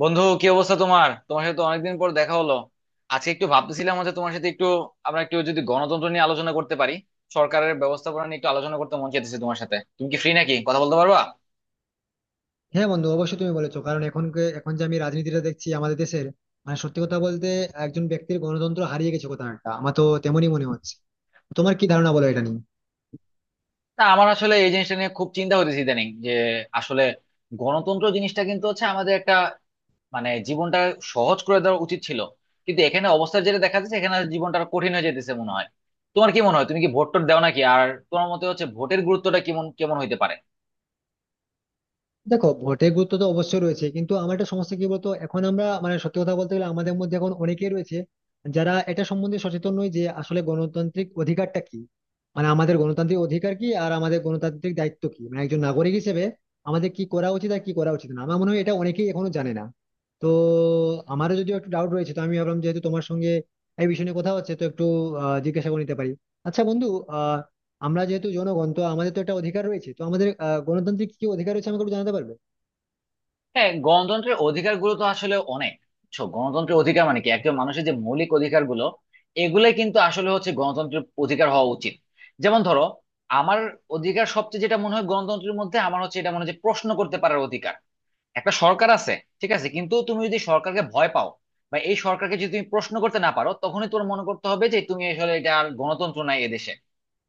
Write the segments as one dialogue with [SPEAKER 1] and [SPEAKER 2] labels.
[SPEAKER 1] বন্ধু, কি অবস্থা? তোমার তোমার সাথে তো অনেকদিন পর দেখা হলো। আজকে একটু ভাবতেছিলাম হচ্ছে তোমার সাথে একটু আমরা একটু যদি গণতন্ত্র নিয়ে আলোচনা করতে পারি, সরকারের ব্যবস্থাপনা নিয়ে একটু আলোচনা করতে মন চাইতেছে তোমার সাথে। তুমি কি ফ্রি, নাকি কথা বলতে পারবা?
[SPEAKER 2] হ্যাঁ বন্ধু, অবশ্যই তুমি বলেছো, কারণ এখন এখন যে আমি রাজনীতিটা দেখছি আমাদের দেশের, মানে সত্যি কথা বলতে, একজন ব্যক্তির গণতন্ত্র হারিয়ে গেছে কোথাও একটা, আমার তো তেমনই মনে হচ্ছে। তোমার কি ধারণা বলো এটা নিয়ে?
[SPEAKER 1] না, আমার আসলে এই জিনিসটা নিয়ে খুব চিন্তা হইতেছে ইদানিং যে, আসলে গণতন্ত্র জিনিসটা কিন্তু হচ্ছে আমাদের একটা, মানে জীবনটা সহজ করে দেওয়া উচিত ছিল, কিন্তু এখানে অবস্থা যেটা দেখা যাচ্ছে, এখানে জীবনটা আরো কঠিন হয়ে যেতেছে মনে হয়। তোমার কি মনে হয়, তুমি কি ভোট টোট দাও নাকি আর, তোমার মতে হচ্ছে ভোটের গুরুত্বটা কেমন কেমন হইতে পারে?
[SPEAKER 2] দেখো, ভোটের গুরুত্ব তো অবশ্যই রয়েছে, কিন্তু আমার একটা সমস্যা কি বলতো, এখন আমরা, মানে সত্যি কথা বলতে গেলে, আমাদের মধ্যে এখন অনেকেই রয়েছে যারা এটা সম্বন্ধে সচেতন নয় যে আসলে গণতান্ত্রিক অধিকারটা কি, মানে আমাদের গণতান্ত্রিক অধিকার কি আর আমাদের গণতান্ত্রিক দায়িত্ব কি, মানে একজন নাগরিক হিসেবে আমাদের কি করা উচিত আর কি করা উচিত না, আমার মনে হয় এটা অনেকেই এখনো জানে না। তো আমারও যদিও একটু ডাউট রয়েছে, তো আমি ভাবলাম, যেহেতু তোমার সঙ্গে এই বিষয় নিয়ে কথা হচ্ছে, তো একটু জিজ্ঞাসা করে নিতে পারি। আচ্ছা বন্ধু, আহ আমরা যেহেতু জনগণ, তো আমাদের তো একটা অধিকার রয়েছে, তো আমাদের গণতান্ত্রিক কি অধিকার রয়েছে আমাকে একটু জানাতে পারবে?
[SPEAKER 1] হ্যাঁ, গণতন্ত্রের অধিকার গুলো তো আসলে অনেক। বুঝছো? গণতন্ত্রের অধিকার মানে কি, একজন মানুষের যে মৌলিক অধিকার গুলো, এগুলাই কিন্তু আসলে হচ্ছে গণতন্ত্রের অধিকার হওয়া উচিত। যেমন ধরো, আমার অধিকার সবচেয়ে যেটা মনে হয় গণতন্ত্রের মধ্যে, আমার হচ্ছে এটা মনে হয় যে প্রশ্ন করতে পারার অধিকার। একটা সরকার আছে, ঠিক আছে, কিন্তু তুমি যদি সরকারকে ভয় পাও বা এই সরকারকে যদি তুমি প্রশ্ন করতে না পারো, তখনই তোমার মনে করতে হবে যে তুমি আসলে এটা আর গণতন্ত্র নাই এদেশে।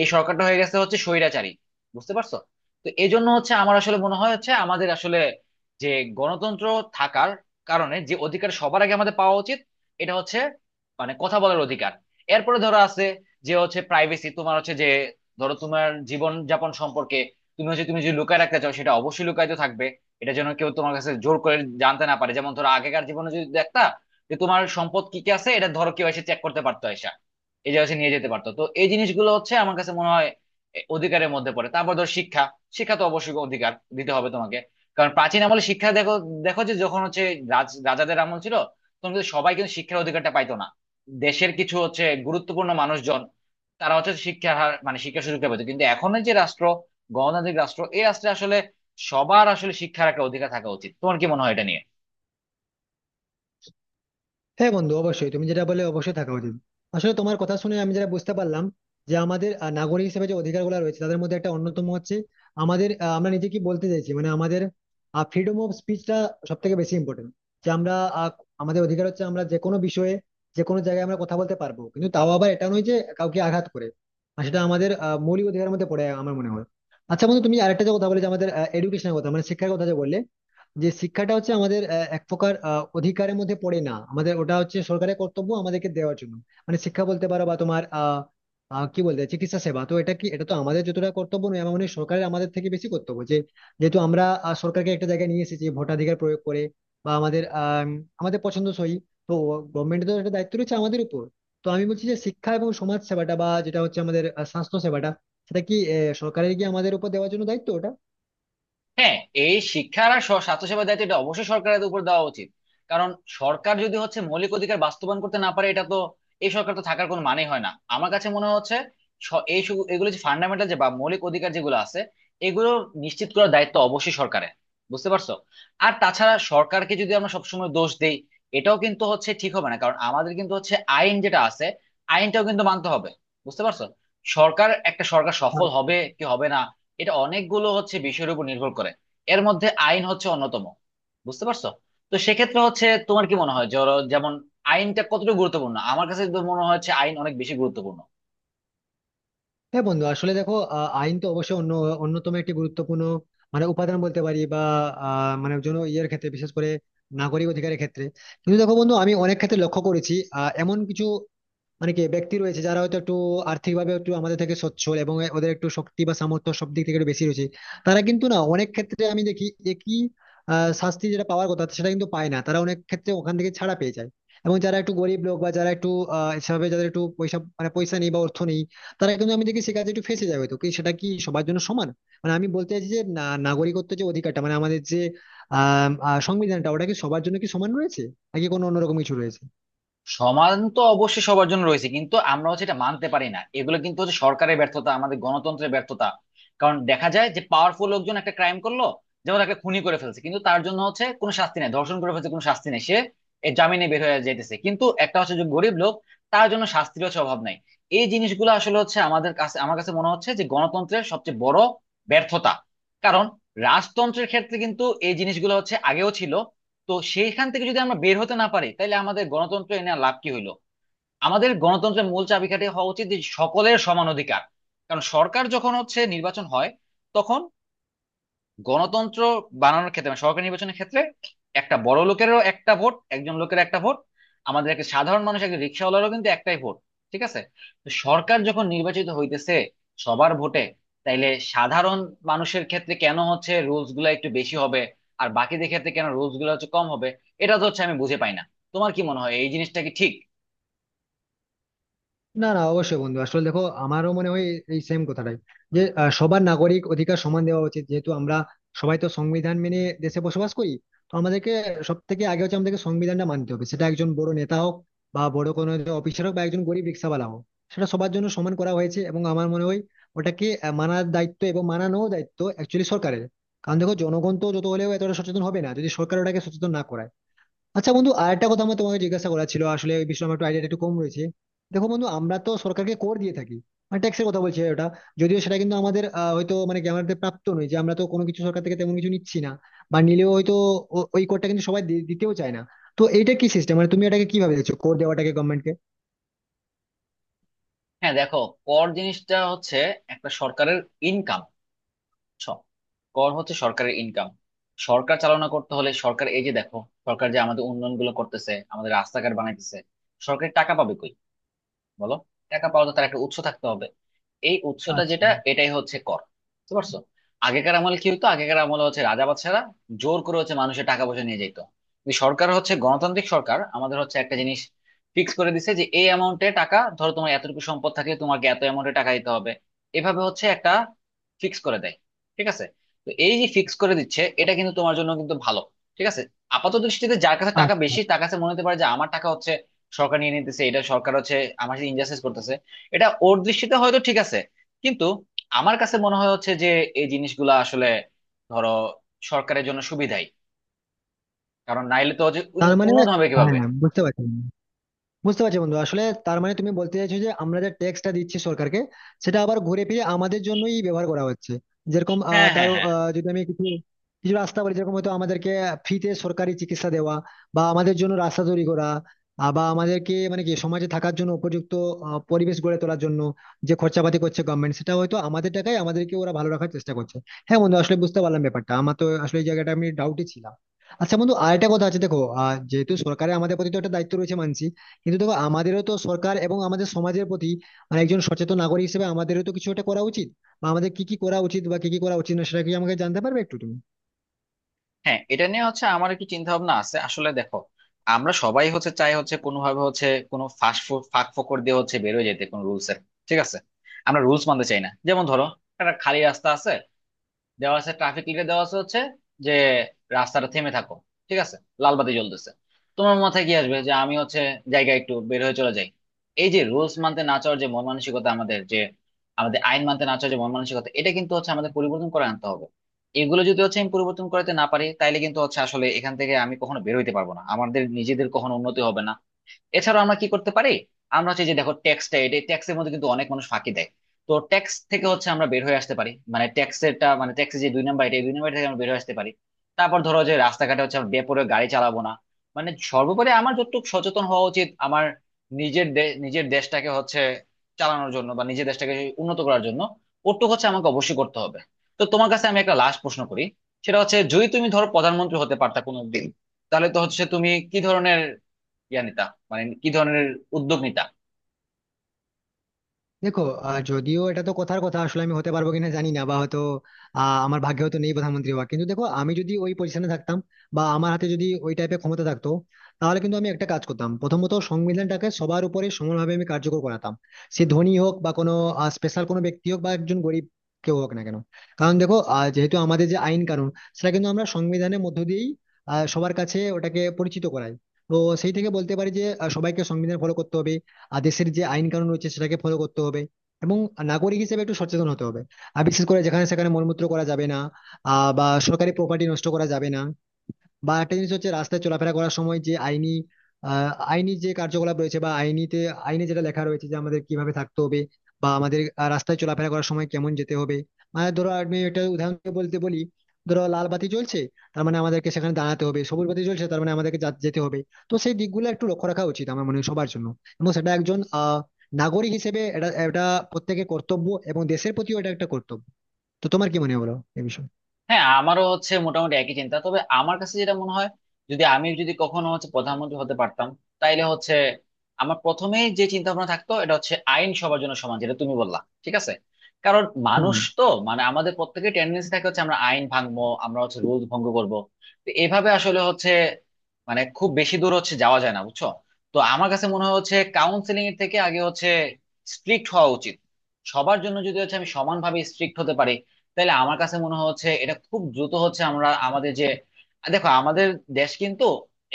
[SPEAKER 1] এই সরকারটা হয়ে গেছে হচ্ছে স্বৈরাচারী। বুঝতে পারছো? তো এই জন্য হচ্ছে আমার আসলে মনে হয় হচ্ছে, আমাদের আসলে যে গণতন্ত্র থাকার কারণে যে অধিকার সবার আগে আমাদের পাওয়া উচিত, এটা হচ্ছে মানে কথা বলার অধিকার। এরপরে ধরো আছে যে হচ্ছে প্রাইভেসি। তোমার হচ্ছে যে, ধরো তোমার জীবন যাপন সম্পর্কে তুমি হচ্ছে, তুমি যদি লুকায় রাখতে চাও, সেটা অবশ্যই লুকায়িত থাকবে। এটা যেন কেউ তোমার কাছে জোর করে জানতে না পারে। যেমন ধরো, আগেকার জীবনে যদি দেখতা, যে তোমার সম্পদ কি কি আছে, এটা ধরো কেউ এসে চেক করতে পারতো, এসে এই যে হচ্ছে নিয়ে যেতে পারতো। তো এই জিনিসগুলো হচ্ছে আমার কাছে মনে হয় এ, অধিকারের মধ্যে পড়ে। তারপর ধর শিক্ষা। শিক্ষা তো অবশ্যই অধিকার, দিতে হবে তোমাকে। কারণ প্রাচীন আমলে শিক্ষা দেখো, দেখো যে যখন হচ্ছে রাজ রাজাদের আমল ছিল, তখন কিন্তু সবাই কিন্তু শিক্ষার অধিকারটা পাইতো না। দেশের কিছু হচ্ছে গুরুত্বপূর্ণ মানুষজন, তারা হচ্ছে শিক্ষার হার মানে শিক্ষার সুযোগটা পেতো। কিন্তু এখন যে রাষ্ট্র, গণতান্ত্রিক রাষ্ট্র, এই রাষ্ট্রে আসলে সবার আসলে শিক্ষার একটা অধিকার থাকা উচিত। তোমার কি মনে হয় এটা নিয়ে?
[SPEAKER 2] হ্যাঁ বন্ধু, অবশ্যই তুমি যেটা বলে অবশ্যই থাকা উচিত। আসলে তোমার কথা শুনে আমি যেটা বুঝতে পারলাম, যে আমাদের নাগরিক হিসেবে যে অধিকারগুলো রয়েছে তাদের মধ্যে একটা অন্যতম হচ্ছে আমাদের আমরা নিজে কি বলতে চাইছি, মানে আমাদের ফ্রিডম অফ স্পিচটা সব থেকে বেশি ইম্পর্টেন্ট। যে আমরা আহ, আমাদের অধিকার হচ্ছে আমরা যে কোনো বিষয়ে যে কোনো জায়গায় আমরা কথা বলতে পারবো, কিন্তু তাও আবার এটা নয় যে কাউকে আঘাত করে। আর সেটা আমাদের মৌলিক অধিকারের মধ্যে পড়ে আমার মনে হয়। আচ্ছা বন্ধু, তুমি আরেকটা যে কথা বলে যে আমাদের এডুকেশনের কথা, মানে শিক্ষার কথা যে বললে, যে শিক্ষাটা হচ্ছে আমাদের এক প্রকার অধিকারের মধ্যে পড়ে না, আমাদের ওটা হচ্ছে সরকারের কর্তব্য আমাদেরকে দেওয়ার জন্য। মানে শিক্ষা বলতে পারো বা তোমার আহ আহ, কি বলতে হয়, চিকিৎসা সেবা, তো এটা কি, এটা তো আমাদের যতটা কর্তব্য নয়, আমার মনে হয় সরকারের আমাদের থেকে বেশি কর্তব্য। যে যেহেতু আমরা সরকারকে একটা জায়গায় নিয়ে এসেছি ভোটাধিকার প্রয়োগ করে বা আমাদের আমাদের পছন্দসই, তো গভর্নমেন্টের তো একটা দায়িত্ব রয়েছে আমাদের উপর। তো আমি বলছি যে শিক্ষা এবং সমাজ সেবাটা বা যেটা হচ্ছে আমাদের স্বাস্থ্য সেবাটা, সেটা কি সরকারের কি আমাদের উপর দেওয়ার জন্য দায়িত্ব ওটা?
[SPEAKER 1] হ্যাঁ, এই শিক্ষার আর স্বাস্থ্যসেবার দায়িত্ব এটা অবশ্যই সরকারের উপর দেওয়া উচিত। কারণ সরকার যদি হচ্ছে মৌলিক অধিকার বাস্তবায়ন করতে না পারে, এটা তো, এই সরকার তো থাকার কোনো মানে হয় না আমার কাছে মনে হচ্ছে। এগুলো যে ফান্ডামেন্টাল যে বা মৌলিক অধিকার যেগুলো আছে, এগুলো নিশ্চিত করার দায়িত্ব অবশ্যই সরকারের। বুঝতে পারছো? আর তাছাড়া সরকারকে যদি আমরা সবসময় দোষ দেই, এটাও কিন্তু হচ্ছে ঠিক হবে না। কারণ আমাদের কিন্তু হচ্ছে আইন যেটা আছে, আইনটাও কিন্তু মানতে হবে। বুঝতে পারছো? সরকার একটা সরকার সফল হবে কি হবে না, এটা অনেকগুলো হচ্ছে বিষয়ের উপর নির্ভর করে। এর মধ্যে আইন হচ্ছে অন্যতম। বুঝতে পারছো? তো সেক্ষেত্রে হচ্ছে তোমার কি মনে হয় যেমন আইনটা কতটা গুরুত্বপূর্ণ? আমার কাছে তো মনে হচ্ছে আইন অনেক বেশি গুরুত্বপূর্ণ।
[SPEAKER 2] হ্যাঁ বন্ধু, আসলে দেখো আইন তো অবশ্যই অন্যতম একটি গুরুত্বপূর্ণ, মানে উপাদান বলতে পারি, বা মানে জন্য ইয়ের ক্ষেত্রে, বিশেষ করে নাগরিক অধিকারের ক্ষেত্রে। কিন্তু দেখো বন্ধু, আমি অনেক ক্ষেত্রে লক্ষ্য করেছি এমন কিছু মানে কি ব্যক্তি রয়েছে যারা হয়তো একটু আর্থিকভাবে একটু আমাদের থেকে সচ্ছল এবং ওদের একটু শক্তি বা সামর্থ্য সব দিক থেকে একটু বেশি রয়েছে, তারা কিন্তু না অনেক ক্ষেত্রে আমি দেখি একই শাস্তি যেটা পাওয়ার কথা সেটা কিন্তু পায় না, তারা অনেক ক্ষেত্রে ওখান থেকে ছাড়া পেয়ে যায়। এবং যারা একটু গরিব লোক বা যারা একটু সেভাবে যাদের একটু পয়সা, মানে পয়সা নেই বা অর্থ নেই, তারা কিন্তু আমি দেখি সে কাজে একটু ফেঁসে যাবে। তো কি, সেটা কি সবার জন্য সমান? মানে আমি বলতে চাইছি যে না, নাগরিকত্ব যে অধিকারটা, মানে আমাদের যে আহ আহ, সংবিধানটা, ওটা কি সবার জন্য কি সমান রয়েছে, নাকি কোনো অন্যরকম কিছু রয়েছে?
[SPEAKER 1] সমাধান তো অবশ্যই সবার জন্য রয়েছে, কিন্তু আমরা হচ্ছে এটা মানতে পারি না। এগুলো কিন্তু হচ্ছে সরকারের ব্যর্থতা, আমাদের গণতন্ত্রের ব্যর্থতা। কারণ দেখা যায় যে পাওয়ারফুল লোকজন একটা ক্রাইম করলো, যেমন একটা খুনি করে ফেলছে, কিন্তু তার জন্য হচ্ছে কোনো শাস্তি নেই। ধর্ষণ করে ফেলছে, কোনো শাস্তি নেই, সে এর জামিনে বের হয়ে যেতেছে। কিন্তু একটা হচ্ছে যে গরিব লোক, তার জন্য শাস্তির হচ্ছে অভাব নাই। এই জিনিসগুলো আসলে হচ্ছে আমাদের কাছে, আমার কাছে মনে হচ্ছে যে গণতন্ত্রের সবচেয়ে বড় ব্যর্থতা। কারণ রাজতন্ত্রের ক্ষেত্রে কিন্তু এই জিনিসগুলো হচ্ছে আগেও ছিল। তো সেইখান থেকে যদি আমরা বের হতে না পারি, তাহলে আমাদের গণতন্ত্র এনে আর লাভ কি হইলো? আমাদের গণতন্ত্রের মূল চাবিকাঠি হওয়া উচিত যে সকলের সমান অধিকার। কারণ সরকার যখন হচ্ছে নির্বাচন হয়, তখন গণতন্ত্র বানানোর ক্ষেত্রে মানে সরকারি নির্বাচনের ক্ষেত্রে, একটা বড় লোকেরও একটা ভোট, একজন লোকের একটা ভোট, আমাদের একটা সাধারণ মানুষ, একটা রিক্সাওয়ালারও কিন্তু একটাই ভোট। ঠিক আছে? তো সরকার যখন নির্বাচিত হইতেছে সবার ভোটে, তাইলে সাধারণ মানুষের ক্ষেত্রে কেন হচ্ছে রুলস গুলা একটু বেশি হবে, আর বাকিদের ক্ষেত্রে কেন রুলস গুলা হচ্ছে কম হবে? এটা তো হচ্ছে আমি বুঝে পাই না। তোমার কি মনে হয়, এই জিনিসটা কি ঠিক?
[SPEAKER 2] না না, অবশ্যই বন্ধু, আসলে দেখো আমারও মনে হয় এই সেম কথাটাই, যে সবার নাগরিক অধিকার সমান দেওয়া উচিত, যেহেতু আমরা সবাই তো সংবিধান মেনে দেশে বসবাস করি। তো আমাদেরকে সব থেকে আগে হচ্ছে আমাদেরকে সংবিধানটা মানতে হবে, সেটা একজন বড় নেতা হোক বা বড় কোনো অফিসার হোক বা একজন গরিব রিক্সাওয়ালা হোক, সেটা সবার জন্য সমান করা হয়েছে। এবং আমার মনে হয় ওটাকে মানার দায়িত্ব এবং মানানো দায়িত্ব অ্যাকচুয়ালি সরকারের, কারণ দেখো জনগণ তো যত হলেও এতটা সচেতন হবে না যদি সরকার ওটাকে সচেতন না করায়। আচ্ছা বন্ধু, আর একটা কথা আমার তোমাকে জিজ্ঞাসা করা ছিল, আসলে এই বিষয়ে আমার একটু আইডিয়াটা একটু কম রয়েছে। দেখো বন্ধু, আমরা তো সরকারকে কর দিয়ে থাকি, মানে ট্যাক্সের কথা বলছি ওটা। যদিও সেটা কিন্তু আমাদের হয়তো মানে কি আমাদের প্রাপ্ত নয়, যে আমরা তো কোনো কিছু সরকার থেকে তেমন কিছু নিচ্ছি না, বা নিলেও হয়তো ওই করটা কিন্তু সবাই দিতেও চায় না। তো এইটা কি সিস্টেম, মানে তুমি এটাকে কিভাবে দেখছো কর দেওয়াটাকে গভর্নমেন্টকে?
[SPEAKER 1] হ্যাঁ দেখো, কর জিনিসটা হচ্ছে একটা সরকারের ইনকাম। বুঝছো? কর হচ্ছে সরকারের ইনকাম। সরকার চালনা করতে হলে সরকার, এই যে দেখো, সরকার যে আমাদের উন্নয়ন গুলো করতেছে, আমাদের রাস্তাঘাট বানাইতেছে, সরকার টাকা পাবে কই বলো? টাকা পাওয়া তো তার একটা উৎস থাকতে হবে। এই উৎসটা
[SPEAKER 2] আচ্ছা।
[SPEAKER 1] যেটা, এটাই হচ্ছে কর। বুঝতে পারছো? আগেকার আমলে কি হতো, আগেকার আমলে হচ্ছে রাজা বাদশারা জোর করে হচ্ছে মানুষের টাকা পয়সা নিয়ে যেত। কিন্তু সরকার হচ্ছে গণতান্ত্রিক সরকার, আমাদের হচ্ছে একটা জিনিস ফিক্স করে দিছে যে এই অ্যামাউন্টে টাকা, ধরো তোমার এতটুকু সম্পদ থাকলে তোমাকে এত অ্যামাউন্টে টাকা দিতে হবে। এভাবে হচ্ছে একটা ফিক্স করে দেয়। ঠিক আছে? তো এই যে ফিক্স করে দিচ্ছে, এটা কিন্তু তোমার জন্য কিন্তু ভালো। ঠিক আছে? আপাত দৃষ্টিতে যার কাছে টাকা
[SPEAKER 2] আচ্ছা।
[SPEAKER 1] বেশি, তার কাছে মনে হতে পারে যে আমার টাকা হচ্ছে সরকার নিয়ে নিতেছে, এটা সরকার হচ্ছে আমার সাথে ইনজাস্টিস করতেছে। এটা ওর দৃষ্টিতে হয়তো ঠিক আছে, কিন্তু আমার কাছে মনে হয় হচ্ছে যে এই জিনিসগুলা আসলে, ধরো, সরকারের জন্য সুবিধাই। কারণ নাইলে তো হচ্ছে
[SPEAKER 2] তার মানে,
[SPEAKER 1] উন্নয়ন হবে
[SPEAKER 2] হ্যাঁ,
[SPEAKER 1] কিভাবে?
[SPEAKER 2] বুঝতে পারছি। বুঝতে পারছি বন্ধু, আসলে তার মানে তুমি বলতে চাইছো যে আমরা যে ট্যাক্সটা দিচ্ছি সরকারকে, সেটা আবার ঘুরে ফিরে আমাদের জন্যই ব্যবহার করা হচ্ছে। যেরকম
[SPEAKER 1] হ্যাঁ,
[SPEAKER 2] তার
[SPEAKER 1] হ্যাঁ, হ্যাঁ।
[SPEAKER 2] যদি আমি কিছু কিছু রাস্তা বলি, যেরকম হয়তো আমাদেরকে ফ্রিতে সরকারি চিকিৎসা দেওয়া, বা আমাদের জন্য রাস্তা তৈরি করা, বা আমাদেরকে মানে কি সমাজে থাকার জন্য উপযুক্ত পরিবেশ গড়ে তোলার জন্য যে খরচাপাতি করছে গভর্নমেন্ট, সেটা হয়তো আমাদের টাকায় আমাদেরকে ওরা ভালো রাখার চেষ্টা করছে। হ্যাঁ বন্ধু, আসলে বুঝতে পারলাম ব্যাপারটা, আমার তো আসলে এই জায়গাটা আমি ডাউটে ছিলাম। আচ্ছা বন্ধু, আরেকটা কথা আছে, দেখো যেহেতু সরকারের আমাদের প্রতি তো একটা দায়িত্ব রয়েছে মানছি, কিন্তু দেখো আমাদেরও তো সরকার এবং আমাদের সমাজের প্রতি, মানে একজন সচেতন নাগরিক হিসেবে আমাদেরও তো কিছু একটা করা উচিত, বা আমাদের কি কি করা উচিত বা কি কি করা উচিত না, সেটা কি আমাকে জানতে পারবে একটু তুমি?
[SPEAKER 1] হ্যাঁ, এটা নিয়ে হচ্ছে আমার কি চিন্তা ভাবনা আছে আসলে, দেখো, আমরা সবাই হচ্ছে চাই হচ্ছে কোনোভাবে হচ্ছে কোনো ফাঁস, ফাঁক ফোকর দিয়ে হচ্ছে বেরোয় যেতে কোনো রুলস এর। ঠিক আছে? আমরা রুলস মানতে চাই না। যেমন ধরো, একটা খালি রাস্তা আছে, দেওয়া আছে ট্রাফিক লিটে, দেওয়া আছে হচ্ছে যে রাস্তাটা থেমে থাকো। ঠিক আছে? লাল বাতি জ্বলতেছে, তোমার মাথায় কি আসবে যে আমি হচ্ছে জায়গায় একটু বের হয়ে চলে যাই। এই যে রুলস মানতে না চাওয়ার যে মন মানসিকতা আমাদের, যে আমাদের আইন মানতে না চাওয়ার যে মন মানসিকতা, এটা কিন্তু হচ্ছে আমাদের পরিবর্তন করে আনতে হবে। এগুলো যদি হচ্ছে আমি পরিবর্তন করতে না পারি, তাইলে কিন্তু হচ্ছে আসলে এখান থেকে আমি কখনো বের হইতে পারবো না, আমাদের নিজেদের কখনো উন্নতি হবে না। এছাড়াও আমরা কি করতে পারি? আমরা হচ্ছে যে দেখো, ট্যাক্সটা, এটা ট্যাক্সের মধ্যে কিন্তু অনেক মানুষ ফাঁকি দেয়। তো ট্যাক্স থেকে হচ্ছে আমরা বের হয়ে আসতে পারি, মানে ট্যাক্সেরটা, মানে ট্যাক্সের যে দুই নাম্বার, এটা, এই দুই নাম্বার থেকে আমরা বের হয়ে আসতে পারি। তারপর ধরো যে রাস্তাঘাটে হচ্ছে আমরা বেপরোয়া গাড়ি চালাবো না। মানে সর্বোপরি আমার যতটুকু সচেতন হওয়া উচিত আমার নিজের দেশটাকে হচ্ছে চালানোর জন্য বা নিজের দেশটাকে উন্নত করার জন্য, ওটুকু হচ্ছে আমাকে অবশ্যই করতে হবে। তো তোমার কাছে আমি একটা লাস্ট প্রশ্ন করি। সেটা হচ্ছে যদি তুমি ধরো প্রধানমন্ত্রী হতে পারতা কোনো দিন, তাহলে তো হচ্ছে তুমি কি ধরনের ইয়া নিতা, মানে কি ধরনের উদ্যোগ নিতা?
[SPEAKER 2] দেখো যদিও এটা তো কথার কথা, আসলে আমি হতে পারবো কিনা জানি না, বা হয়তো আমার ভাগ্যে হয়তো নেই প্রধানমন্ত্রী হওয়া, কিন্তু দেখো আমি যদি ওই পজিশনে থাকতাম বা আমার হাতে যদি ওই টাইপের ক্ষমতা থাকতো, তাহলে কিন্তু আমি একটা কাজ করতাম, প্রথমত সংবিধানটাকে সবার উপরে সমানভাবে আমি কার্যকর করাতাম। সে ধনী হোক বা কোনো স্পেশাল কোনো ব্যক্তি হোক বা একজন গরিব, কেউ হোক না কেন। কারণ দেখো যেহেতু আমাদের যে আইন কানুন, সেটা কিন্তু আমরা সংবিধানের মধ্য দিয়েই সবার কাছে ওটাকে পরিচিত করাই। তো সেই থেকে বলতে পারি যে সবাইকে সংবিধান ফলো করতে হবে, আর দেশের যে আইন কানুন রয়েছে সেটাকে ফলো করতে হবে, এবং নাগরিক হিসেবে একটু সচেতন হতে হবে। আর বিশেষ করে যেখানে সেখানে মলমূত্র করা যাবে না, বা সরকারি প্রপার্টি নষ্ট করা যাবে না, বা একটা জিনিস হচ্ছে রাস্তায় চলাফেরা করার সময় যে আইনি যে কার্যকলাপ রয়েছে, বা আইনে যেটা লেখা রয়েছে যে আমাদের কিভাবে থাকতে হবে, বা আমাদের রাস্তায় চলাফেরা করার সময় কেমন যেতে হবে। মানে ধরো আমি এটা উদাহরণ দিয়ে বলতে বলি, ধরো লাল বাতি চলছে, তার মানে আমাদেরকে সেখানে দাঁড়াতে হবে, সবুজ বাতি চলছে তার মানে আমাদেরকে যেতে হবে। তো সেই দিকগুলো একটু লক্ষ্য রাখা উচিত আমার মনে হয় সবার জন্য, এবং সেটা একজন নাগরিক হিসেবে এটা এটা প্রত্যেকের কর্তব্য এবং দেশের প্রতিও এটা একটা কর্তব্য। তো তোমার কি মনে হয় বলো এই বিষয়ে?
[SPEAKER 1] হ্যাঁ, আমারও হচ্ছে মোটামুটি একই চিন্তা। তবে আমার কাছে যেটা মনে হয়, যদি আমি কখনো হচ্ছে প্রধানমন্ত্রী হতে পারতাম, তাইলে হচ্ছে আমার প্রথমেই যে চিন্তা ভাবনা থাকতো, এটা হচ্ছে আইন সবার জন্য সমান, যেটা তুমি বললা। ঠিক আছে? কারণ
[SPEAKER 2] হুম।
[SPEAKER 1] মানুষ তো, মানে আমাদের প্রত্যেকের টেন্ডেন্সি থাকে হচ্ছে আমরা আইন ভাঙবো, আমরা হচ্ছে রুল ভঙ্গ করব। তো এভাবে আসলে হচ্ছে মানে খুব বেশি দূর হচ্ছে যাওয়া যায় না, বুঝছো? তো আমার কাছে মনে হয় হচ্ছে কাউন্সিলিং এর থেকে আগে হচ্ছে স্ট্রিক্ট হওয়া উচিত। সবার জন্য যদি হচ্ছে আমি সমানভাবে স্ট্রিক্ট হতে পারি, তাহলে আমার কাছে মনে হচ্ছে এটা খুব দ্রুত হচ্ছে আমরা আমাদের যে, দেখো আমাদের দেশ কিন্তু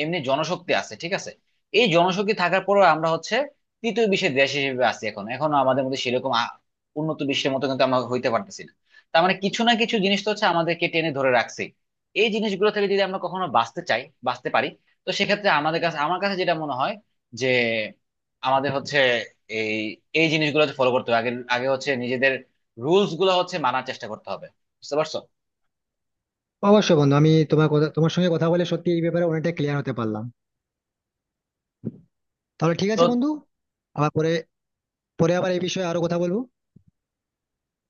[SPEAKER 1] এমনি জনশক্তি আছে। ঠিক আছে? এই জনশক্তি থাকার পরেও আমরা হচ্ছে তৃতীয় বিশ্বের দেশ হিসেবে আছি এখন, এখনো আমাদের মধ্যে সেরকম উন্নত বিশ্বের মতো কিন্তু আমরা হইতে পারতেছি না। তার মানে কিছু না কিছু জিনিস তো হচ্ছে আমাদেরকে টেনে ধরে রাখছে। এই জিনিসগুলো থেকে যদি আমরা কখনো বাঁচতে চাই, বাঁচতে পারি, তো সেক্ষেত্রে আমাদের কাছে, আমার কাছে যেটা মনে হয়, যে আমাদের হচ্ছে এই, এই জিনিসগুলো ফলো করতে হবে। আগে আগে হচ্ছে রুলস গুলো হচ্ছে মানার চেষ্টা করতে হবে। বুঝতে পারছো?
[SPEAKER 2] অবশ্যই বন্ধু, আমি তোমার কথা, তোমার সঙ্গে কথা বলে সত্যি এই ব্যাপারে অনেকটা ক্লিয়ার হতে পারলাম। তাহলে ঠিক
[SPEAKER 1] তো
[SPEAKER 2] আছে বন্ধু, আবার পরে, পরে আবার এই বিষয়ে আরো কথা বলবো।